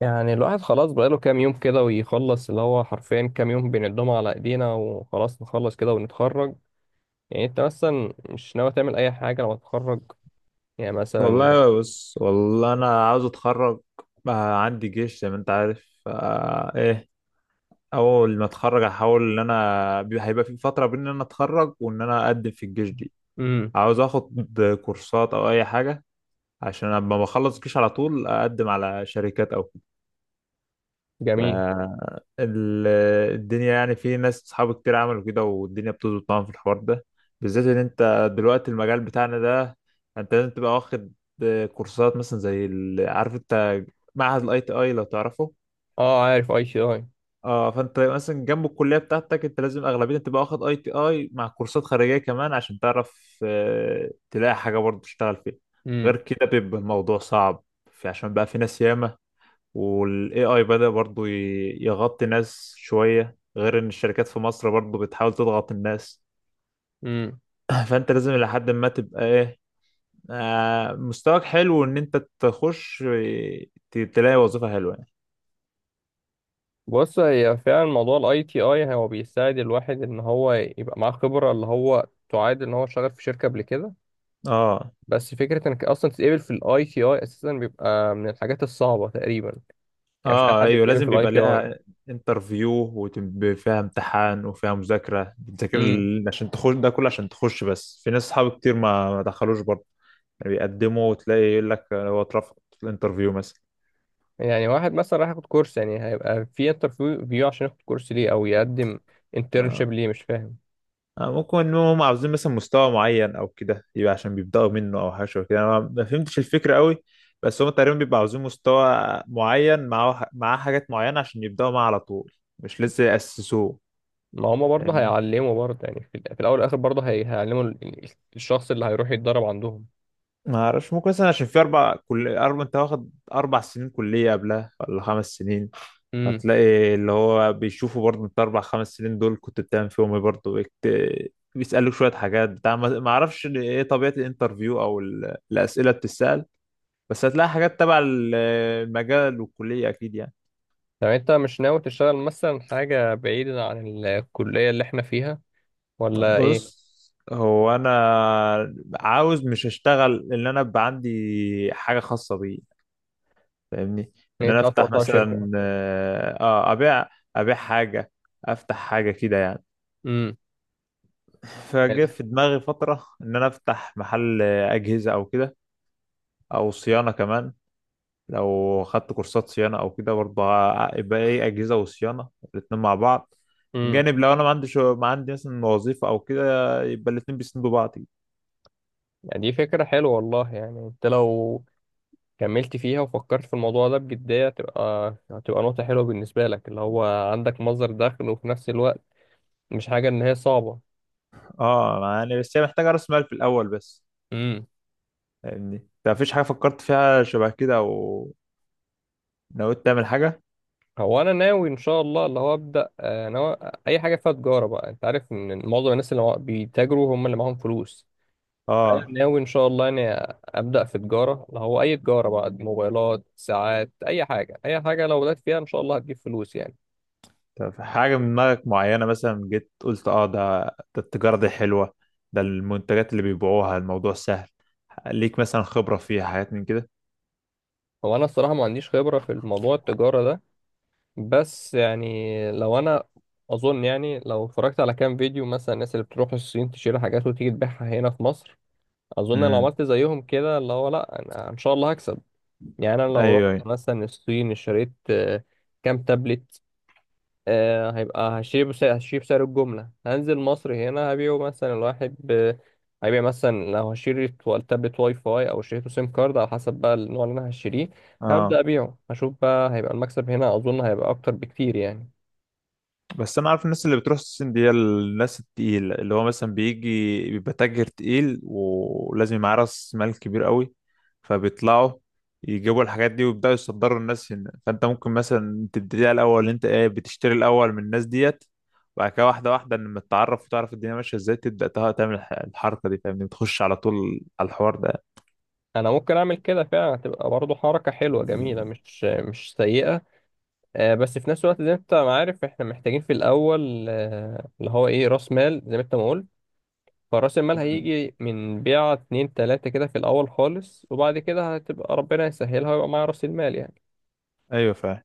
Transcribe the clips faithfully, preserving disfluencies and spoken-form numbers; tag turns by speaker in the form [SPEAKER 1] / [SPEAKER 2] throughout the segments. [SPEAKER 1] يعني الواحد خلاص بقاله كام يوم كده ويخلص اللي هو حرفيا كام يوم بنقدمه على ايدينا وخلاص نخلص كده ونتخرج. يعني انت مثلا مش ناوي تعمل اي حاجة لما تتخرج؟ يعني مثلا.
[SPEAKER 2] والله بص والله انا عاوز اتخرج. آه، عندي جيش زي ما انت عارف آه ايه. اول ما اتخرج هحاول ان انا بي- هيبقى في فتره بين ان انا اتخرج وان انا اقدم في الجيش دي.
[SPEAKER 1] امم.
[SPEAKER 2] عاوز اخد كورسات او اي حاجه عشان لما بخلص الجيش على طول اقدم على شركات او
[SPEAKER 1] جميل.
[SPEAKER 2] ال- الدنيا، يعني في ناس صحابي كتير عملوا كده والدنيا بتظبط معاهم في الحوار ده. بالذات ان انت دلوقتي المجال بتاعنا ده، انت لازم تبقى واخد كورسات مثلا زي ال- عارف انت معهد الاي تي اي لو تعرفه.
[SPEAKER 1] اه، عارف اي تي اي.
[SPEAKER 2] اه، فانت مثلا جنب الكليه بتاعتك انت لازم اغلبيه تبقى واخد اي تي اي مع كورسات خارجيه كمان عشان تعرف، آه، تلاقي حاجه برضه تشتغل فيها. غير
[SPEAKER 1] امم.
[SPEAKER 2] كده بيبقى الموضوع صعب. في- عشان بقى في ناس ياما، وال A I بدأ برضو ي- يغطي ناس شوية، غير إن الشركات في مصر برضو بتحاول تضغط الناس.
[SPEAKER 1] امم.
[SPEAKER 2] فأنت لازم لحد ما تبقى إيه، آه، مستواك حلو إن أنت تخش، ت- تلاقي وظيفة حلوة يعني.
[SPEAKER 1] بص، هي فعلا موضوع الاي تي اي هو بيساعد الواحد ان هو يبقى معاه خبرة اللي هو تعادل ان هو شغال في شركة قبل كده.
[SPEAKER 2] آه.
[SPEAKER 1] بس فكرة انك اصلا تتقبل في الاي تي اي اساسا بيبقى من الحاجات الصعبة تقريبا. يعني مش اي
[SPEAKER 2] آه،
[SPEAKER 1] حد
[SPEAKER 2] أيوه
[SPEAKER 1] بيتقبل في
[SPEAKER 2] لازم
[SPEAKER 1] الاي
[SPEAKER 2] بيبقى
[SPEAKER 1] تي
[SPEAKER 2] لها انترفيو، وفيها امتحان وفيها مذاكرة بتذاكر
[SPEAKER 1] اي.
[SPEAKER 2] ال- عشان تخش ده كله عشان تخش. بس في ناس أصحابي كتير ما ما دخلوش برضه. يعني بيقدموا وتلاقي يقول لك هو اترفض في الانترفيو مثلا.
[SPEAKER 1] يعني واحد مثلا راح ياخد كورس، يعني هيبقى في انترفيو عشان ياخد كورس ليه او يقدم انترنشيب
[SPEAKER 2] آه.
[SPEAKER 1] ليه؟ مش فاهم.
[SPEAKER 2] آه، ممكن ان هم عاوزين مثلا مستوى معين او كده يبقى عشان بيبداوا منه او حاجه شبه كده. انا ما ما فهمتش الفكره قوي. بس هم تقريبا بيبقوا عاوزين مستوى معين معاه معاه حاجات معينه عشان يبداوا معاه على طول، مش لسه ياسسوه.
[SPEAKER 1] ما هما برضه
[SPEAKER 2] فاهمني.
[SPEAKER 1] هيعلموا برضه، يعني في, ال- في الاول والاخر برضه هي- هيعلموا ال- ال- الشخص اللي هيروح يتدرب عندهم.
[SPEAKER 2] ما اعرفش، ممكن مثلا عشان في اربع، كل اربع، انت واخد اربع سنين كليه قبلها ولا خمس سنين.
[SPEAKER 1] امم.
[SPEAKER 2] هتلاقي اللي هو بيشوفوا برضه انت اربع خمس سنين دول كنت بتعمل فيهم ايه. برضه بيت- بيسألوك شويه حاجات بتاع. ما ما اعرفش ايه طبيعه الانترفيو او ال- الاسئله بتسأل. بس هتلاقي حاجات تبع ال- المجال والكلية أكيد يعني.
[SPEAKER 1] طب انت مش ناوي تشتغل مثلا حاجة بعيدة عن الكلية اللي احنا فيها، ولا ايه؟
[SPEAKER 2] بص، هو أنا عاوز مش أشتغل، إن أنا أبقى عندي حاجة خاصة بي. فاهمني؟ إن
[SPEAKER 1] يعني
[SPEAKER 2] أنا
[SPEAKER 1] انت عايز
[SPEAKER 2] أفتح
[SPEAKER 1] تطلع شركة؟
[SPEAKER 2] مثلا، آه آه، أبيع، أبيع حاجة، أفتح حاجة كده يعني.
[SPEAKER 1] امم.
[SPEAKER 2] فجه في دماغي فترة إن أنا أفتح محل أجهزة أو كده، أو صيانة كمان. لو خدت كورسات صيانة أو كده برضه ه- يبقى إيه، أجهزة وصيانة الاتنين مع بعض.
[SPEAKER 1] امم.
[SPEAKER 2] وجانب لو أنا ما عنديش، ما عندي مثلا وظيفة أو كده، يبقى الاتنين بيسندوا بعض كده.
[SPEAKER 1] يعني دي فكرة حلوة والله. يعني انت لو كملت فيها وفكرت في الموضوع ده بجدية تبقى هتبقى نقطة حلوة بالنسبة لك، اللي هو عندك مصدر دخل، وفي نفس الوقت مش حاجة إن هي صعبة.
[SPEAKER 2] اه، يعني بس هي محتاجة رأس مال في الأول بس.
[SPEAKER 1] امم.
[SPEAKER 2] فاهمني أنت؟ مفيش حاجة فكرت فيها شبه كده أو نويت تعمل حاجة؟
[SPEAKER 1] هو أنا ناوي إن شاء الله اللي هو أبدأ، آه، ناوي أي حاجة فيها تجارة بقى. أنت عارف إن معظم الناس اللي مع- بيتاجروا هم اللي معاهم فلوس. أنا
[SPEAKER 2] اه.
[SPEAKER 1] ناوي إن شاء الله إني أبدأ في تجارة، اللي هو أي تجارة بقى، موبايلات، ساعات، أي حاجة. أي حاجة لو بدأت فيها إن شاء الله هتجيب فلوس يعني.
[SPEAKER 2] طب حاجة من دماغك معينة، مثلا جيت قلت اه ده، ده التجارة دي حلوة، ده المنتجات اللي بيبيعوها الموضوع سهل، ليك مثلا خبرة فيها حاجات من كده؟
[SPEAKER 1] هو أنا الصراحة ما عنديش خبرة في الموضوع التجارة ده. بس يعني لو انا اظن، يعني لو اتفرجت على كام فيديو مثلا الناس اللي بتروح الصين تشيل حاجات وتيجي تبيعها هنا في مصر، اظن لو
[SPEAKER 2] امم.
[SPEAKER 1] عملت زيهم كده اللي هو، لا انا ان شاء الله هكسب. يعني انا لو رحت
[SPEAKER 2] أيوه أيوه.
[SPEAKER 1] مثلا الصين، اشتريت، آه، كام تابلت، آه، هيبقى هشتري بسعر هشتري بسعر الجملة، هنزل مصر هنا هبيعه مثلا الواحد ب- هيبيع مثلا. لو هشتري تو- تابلت واي فاي او اشتريته سيم كارد، على حسب بقى النوع اللي انا هشتريه. هبدأ
[SPEAKER 2] اه
[SPEAKER 1] ابيعه هشوف بقى، هيبقى المكسب هنا اظن هيبقى اكتر بكتير يعني.
[SPEAKER 2] بس انا عارف الناس اللي بتروح الصين دي هي الناس التقيل، اللي هو مثلا بيجي بيبقى تاجر تقيل ولازم يبقى معاه راس مال كبير قوي، فبيطلعوا يجيبوا الحاجات دي ويبداوا يصدروا الناس هنا. فانت ممكن مثلا تبتدي على الاول، انت ايه، بتشتري الاول من الناس ديت، وبعد كده واحده واحده لما تتعرف وتعرف الدنيا ماشيه ازاي تبدا تها- تعمل الح- الحركه دي. فاهمني، تخش على طول على الحوار ده.
[SPEAKER 1] انا ممكن اعمل كده فعلا، هتبقى برضه حركه حلوه جميله مش مش سيئه. آه، بس في نفس الوقت زي ما انت ما عارف، احنا محتاجين في الاول، آه، اللي هو ايه، راس مال، زي ما انت ما قلت. فراس المال
[SPEAKER 2] مم.
[SPEAKER 1] هيجي من بيعه اتنين تلاته كده في الاول خالص، وبعد كده هتبقى ربنا يسهلها ويبقى معايا راس المال يعني.
[SPEAKER 2] ايوه فاهم.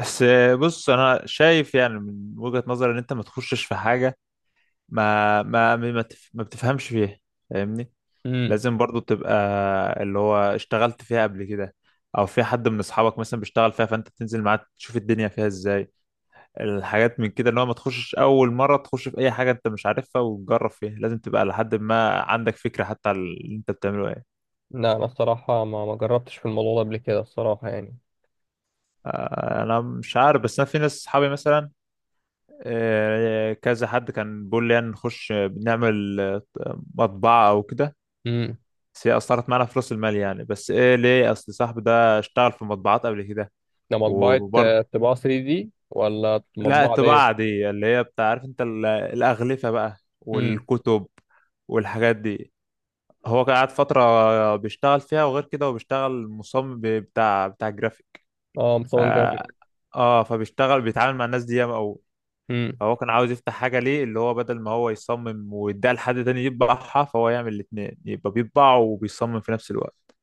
[SPEAKER 2] بس بص، انا شايف يعني من وجهة نظري ان انت ما تخشش في حاجه ما ما ما تف- ما بتفهمش فيها. فاهمني؟
[SPEAKER 1] امم.
[SPEAKER 2] لازم برضو تبقى اللي هو اشتغلت فيها قبل كده، او في حد من اصحابك مثلا بيشتغل فيها فانت تنزل معاه تشوف الدنيا فيها ازاي، الحاجات من كده. اللي هو ما تخشش اول مره تخش في اي حاجه انت مش عارفها وتجرب فيها، لازم تبقى لحد ما عندك فكره حتى على اللي انت بتعمله ايه.
[SPEAKER 1] لا انا الصراحه ما ما جربتش في الموضوع ده قبل كده الصراحه يعني.
[SPEAKER 2] آه، انا مش عارف، بس انا في ناس اصحابي مثلا، آه، كذا حد كان بيقول لي يعني نخش بنعمل، آه، مطبعه او كده.
[SPEAKER 1] امم.
[SPEAKER 2] بس هي أثرت معانا في رأس المال يعني. بس إيه ليه، أصل صاحبي ده اشتغل في مطبعات قبل كده.
[SPEAKER 1] ده مطبعه، آه،
[SPEAKER 2] وبرضه،
[SPEAKER 1] طباعه ثري دي ولا
[SPEAKER 2] لا
[SPEAKER 1] مطبعه عاديه؟
[SPEAKER 2] الطباعة دي اللي هي بتاع عارف أنت ال- الأغلفة بقى
[SPEAKER 1] امم.
[SPEAKER 2] والكتب والحاجات دي. هو كان قاعد فترة بيشتغل فيها، وغير كده هو بيشتغل مصمم بتاع بتاع جرافيك.
[SPEAKER 1] اه،
[SPEAKER 2] ف...
[SPEAKER 1] مصمم جرافيك.
[SPEAKER 2] اه، فبيشتغل بيتعامل مع الناس دي ياما أوي. فهو كان عاوز يفتح حاجة ليه، اللي هو بدل ما هو يصمم ويديها لحد تاني يطبعها، فهو يعمل الاتنين يبقى بيطبع وبيصمم في نفس الوقت.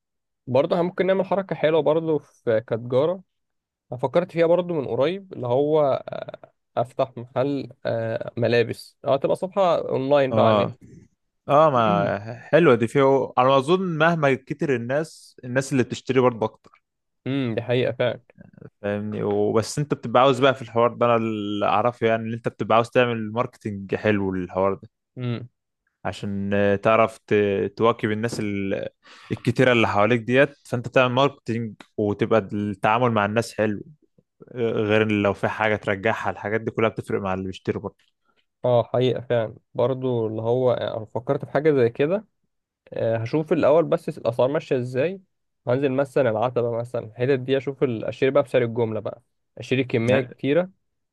[SPEAKER 1] برضه احنا ممكن نعمل حركة حلوة برضه في كتجارة. أنا فكرت فيها برضه من قريب، اللي هو، آه، أفتح محل، آه، ملابس. أه، تبقى صفحة أونلاين بقى على النت.
[SPEAKER 2] اه. اه ما حلوه دي، فيه انا اظن مهما كتر الناس، الناس اللي بتشتري برضه اكتر.
[SPEAKER 1] امم، دي حقيقة فعلا.
[SPEAKER 2] فاهمني؟ وبس انت بتبقى عاوز بقى في الحوار ده، انا اللي اعرفه يعني ان انت بتبقى عاوز تعمل ماركتنج حلو للحوار ده،
[SPEAKER 1] امم.
[SPEAKER 2] عشان آه، تعرف ت- تواكب الناس ال- الكتيره اللي حواليك ديت. فانت تعمل ماركتنج وتبقى التعامل مع الناس حلو. آه، غير إن لو في حاجه ترجعها، الحاجات دي كلها بتفرق مع اللي بيشتري برضه.
[SPEAKER 1] اه حقيقة فعلا. برضه اللي هو، آه، أنا فكرت في حاجة زي كده. آه، هشوف الأول بس الأسعار ماشية ازاي. هنزل مثلا العتبة مثلا الحتت دي، أشوف ال- أشتري بقى بسعر الجملة بقى. أشتري كمية
[SPEAKER 2] يعني
[SPEAKER 1] كتيرة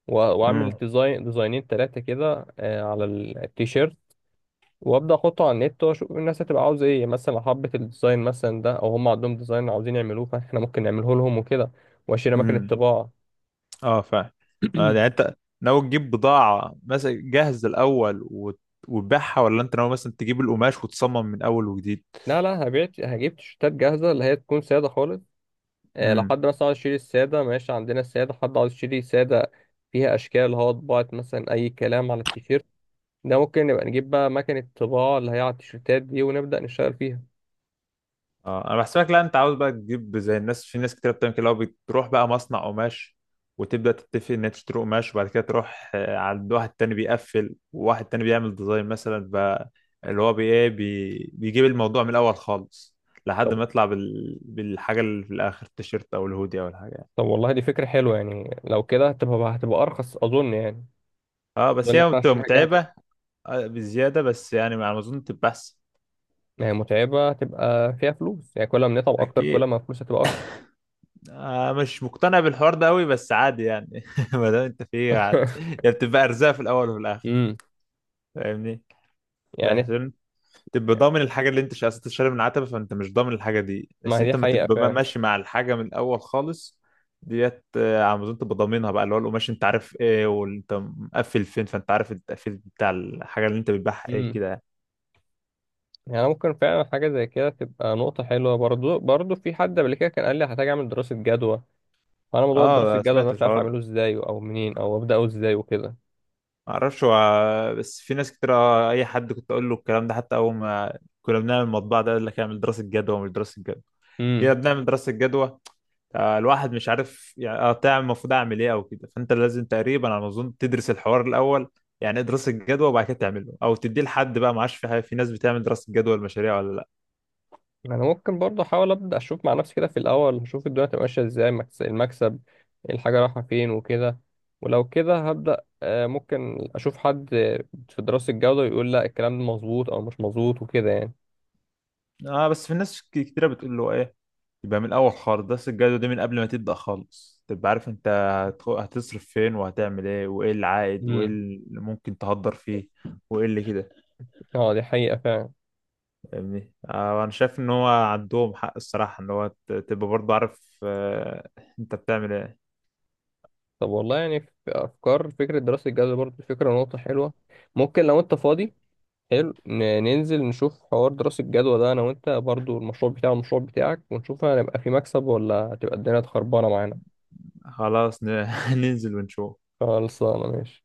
[SPEAKER 1] و- وأعمل ديزاين، ديزاينين، تلاتة كده، آه، على التيشيرت. وابدا احطه على النت واشوف الناس هتبقى عاوزه ايه. مثلا لو حبت الديزاين مثلا ده، او هم عندهم ديزاين عاوزين يعملوه فاحنا ممكن نعمله لهم وكده. واشيل اماكن
[SPEAKER 2] امم.
[SPEAKER 1] الطباعه.
[SPEAKER 2] اه فعلا. آه، يعني انت ناوي تجيب بضاعة مثلا جاهز الأول وت- وتبيعها، ولا انت ناوي مثلا تجيب القماش وتصمم من أول وجديد؟
[SPEAKER 1] لا لا، هبيع هجيب تيشيرتات جاهزه اللي هي تكون ساده خالص. آه، لو
[SPEAKER 2] امم.
[SPEAKER 1] حد مثلا عاوز يشتري الساده، ماشي، عندنا الساده. حد عاوز يشتري ساده فيها اشكال، اللي هو طباعه مثلا اي كلام على التيشيرت، ده ممكن نبقى نجيب بقى مكنه الطباعه اللي هي على التيشيرتات دي، ونبدا نشتغل فيها.
[SPEAKER 2] اه انا بحسبك، لا، انت عاوز بقى تجيب زي الناس، في ناس كتير بتعمل كده اللي هو بتروح بقى مصنع قماش وتبدأ تتفق ان انت تشتري قماش، وبعد كده تروح، آه، عند واحد تاني بيقفل، وواحد تاني بيعمل ديزاين مثلا بقى. اللي هو بي ايه بي بيجيب الموضوع من الأول خالص لحد
[SPEAKER 1] طب،
[SPEAKER 2] ما يطلع بال... بالحاجة اللي في الآخر، التيشيرت أو الهودي أو الحاجة يعني.
[SPEAKER 1] طب والله دي فكره حلوه يعني. لو كده هتبقى هتبقى ارخص اظن يعني.
[SPEAKER 2] اه
[SPEAKER 1] اظن
[SPEAKER 2] بس
[SPEAKER 1] ان
[SPEAKER 2] هي
[SPEAKER 1] انا
[SPEAKER 2] بتبقى
[SPEAKER 1] هشتريها
[SPEAKER 2] متعبة.
[SPEAKER 1] جاهزه.
[SPEAKER 2] آه، بزيادة بس يعني، على ما أظن تبقى أحسن.
[SPEAKER 1] ما هي متعبة تبقى فيها فلوس يعني. كل ما نتعب أكتر كل
[SPEAKER 2] أكيد.
[SPEAKER 1] ما الفلوس هتبقى أكتر.
[SPEAKER 2] آه مش مقتنع بالحوار ده أوي، بس عادي يعني. ما دام أنت فيه عادي يعني، بتبقى أرزاق في الأول وفي الآخر.
[SPEAKER 1] امم.
[SPEAKER 2] فاهمني؟ ده
[SPEAKER 1] يعني
[SPEAKER 2] عشان تبقى ضامن الحاجة، اللي أنت مش عايز تشتري من العتبة فأنت مش ضامن الحاجة دي،
[SPEAKER 1] ما
[SPEAKER 2] بس
[SPEAKER 1] هي دي
[SPEAKER 2] أنت ما
[SPEAKER 1] حقيقة
[SPEAKER 2] تبقى بقى
[SPEAKER 1] فعلا.
[SPEAKER 2] ماشي مع الحاجة من الأول خالص. ديت آه، على ما أظن تبقى ضامنها بقى، اللي هو القماش أنت عارف إيه، وأنت مقفل فين، فأنت عارف التقفيل بتاع الحاجة اللي أنت بتبيعها إيه
[SPEAKER 1] امم.
[SPEAKER 2] كده يعني.
[SPEAKER 1] يعني ممكن فعلا حاجة زي كده تبقى نقطة حلوة برضو برضو في حد قبل كده كان قال لي هحتاج أعمل دراسة جدوى. فأنا موضوع دراسة
[SPEAKER 2] اه
[SPEAKER 1] الجدوى أنا
[SPEAKER 2] سمعت
[SPEAKER 1] مش عارف
[SPEAKER 2] الحوار.
[SPEAKER 1] أعمله إزاي أو منين أو أبدأه إزاي وكده.
[SPEAKER 2] معرفش هو، بس في ناس كتير، آه، اي حد كنت اقول له الكلام ده حتى اول ما كنا بنعمل المطبعه ده يقول لك اعمل دراسه جدوى، مش دراسه جدوى. جينا
[SPEAKER 1] امم.
[SPEAKER 2] بنعمل دراسه جدوى، آه، الواحد مش عارف يعني، آه، تعمل، المفروض اعمل ايه او كده. فانت لازم تقريبا على ما اظن تدرس الحوار الاول، يعني ايه دراسه جدوى، وبعد كده تعمله او تديه لحد بقى، ما عادش في حاجه، في ناس بتعمل دراسه جدوى المشاريع ولا لا.
[SPEAKER 1] ما انا ممكن برضه احاول ابدا اشوف مع نفسي كده في الاول، اشوف الدنيا هتبقى ماشيه ازاي، مكس- المكسب إيه، الحاجه رايحه فين وكده. ولو كده هبدا، آه، ممكن اشوف حد، آه، في دراسه الجوده يقول لا الكلام ده مظبوط او مش مظبوط وكده يعني.
[SPEAKER 2] اه بس في ناس ك- كتيره بتقول له ايه، يبقى من الاول خالص دراسه الجدوى دي من قبل ما تبدا خالص تبقى عارف انت هتخ- هتصرف فين وهتعمل ايه وايه العائد وايه
[SPEAKER 1] امم.
[SPEAKER 2] اللي ممكن تهدر فيه وايه اللي كده.
[SPEAKER 1] اه، دي حقيقه فعلا.
[SPEAKER 2] فاهمني؟ آه، انا شايف ان هو عندهم حق الصراحه، ان هو ت- تبقى برضه عارف، آه، انت بتعمل ايه.
[SPEAKER 1] طب والله يعني في افكار، فكره دراسه الجوده برضه فكره نقطه حلوه. ممكن لو انت فاضي، حلو، ن- ننزل نشوف حوار دراسه الجدوى ده انا وانت، برضه المشروع بتاعي والمشروع بتاعك، ونشوف هنبقى في مكسب ولا هتبقى الدنيا خربانه معانا.
[SPEAKER 2] خلاص ن- ننزل ونشوف.
[SPEAKER 1] خلصانه، ماشي.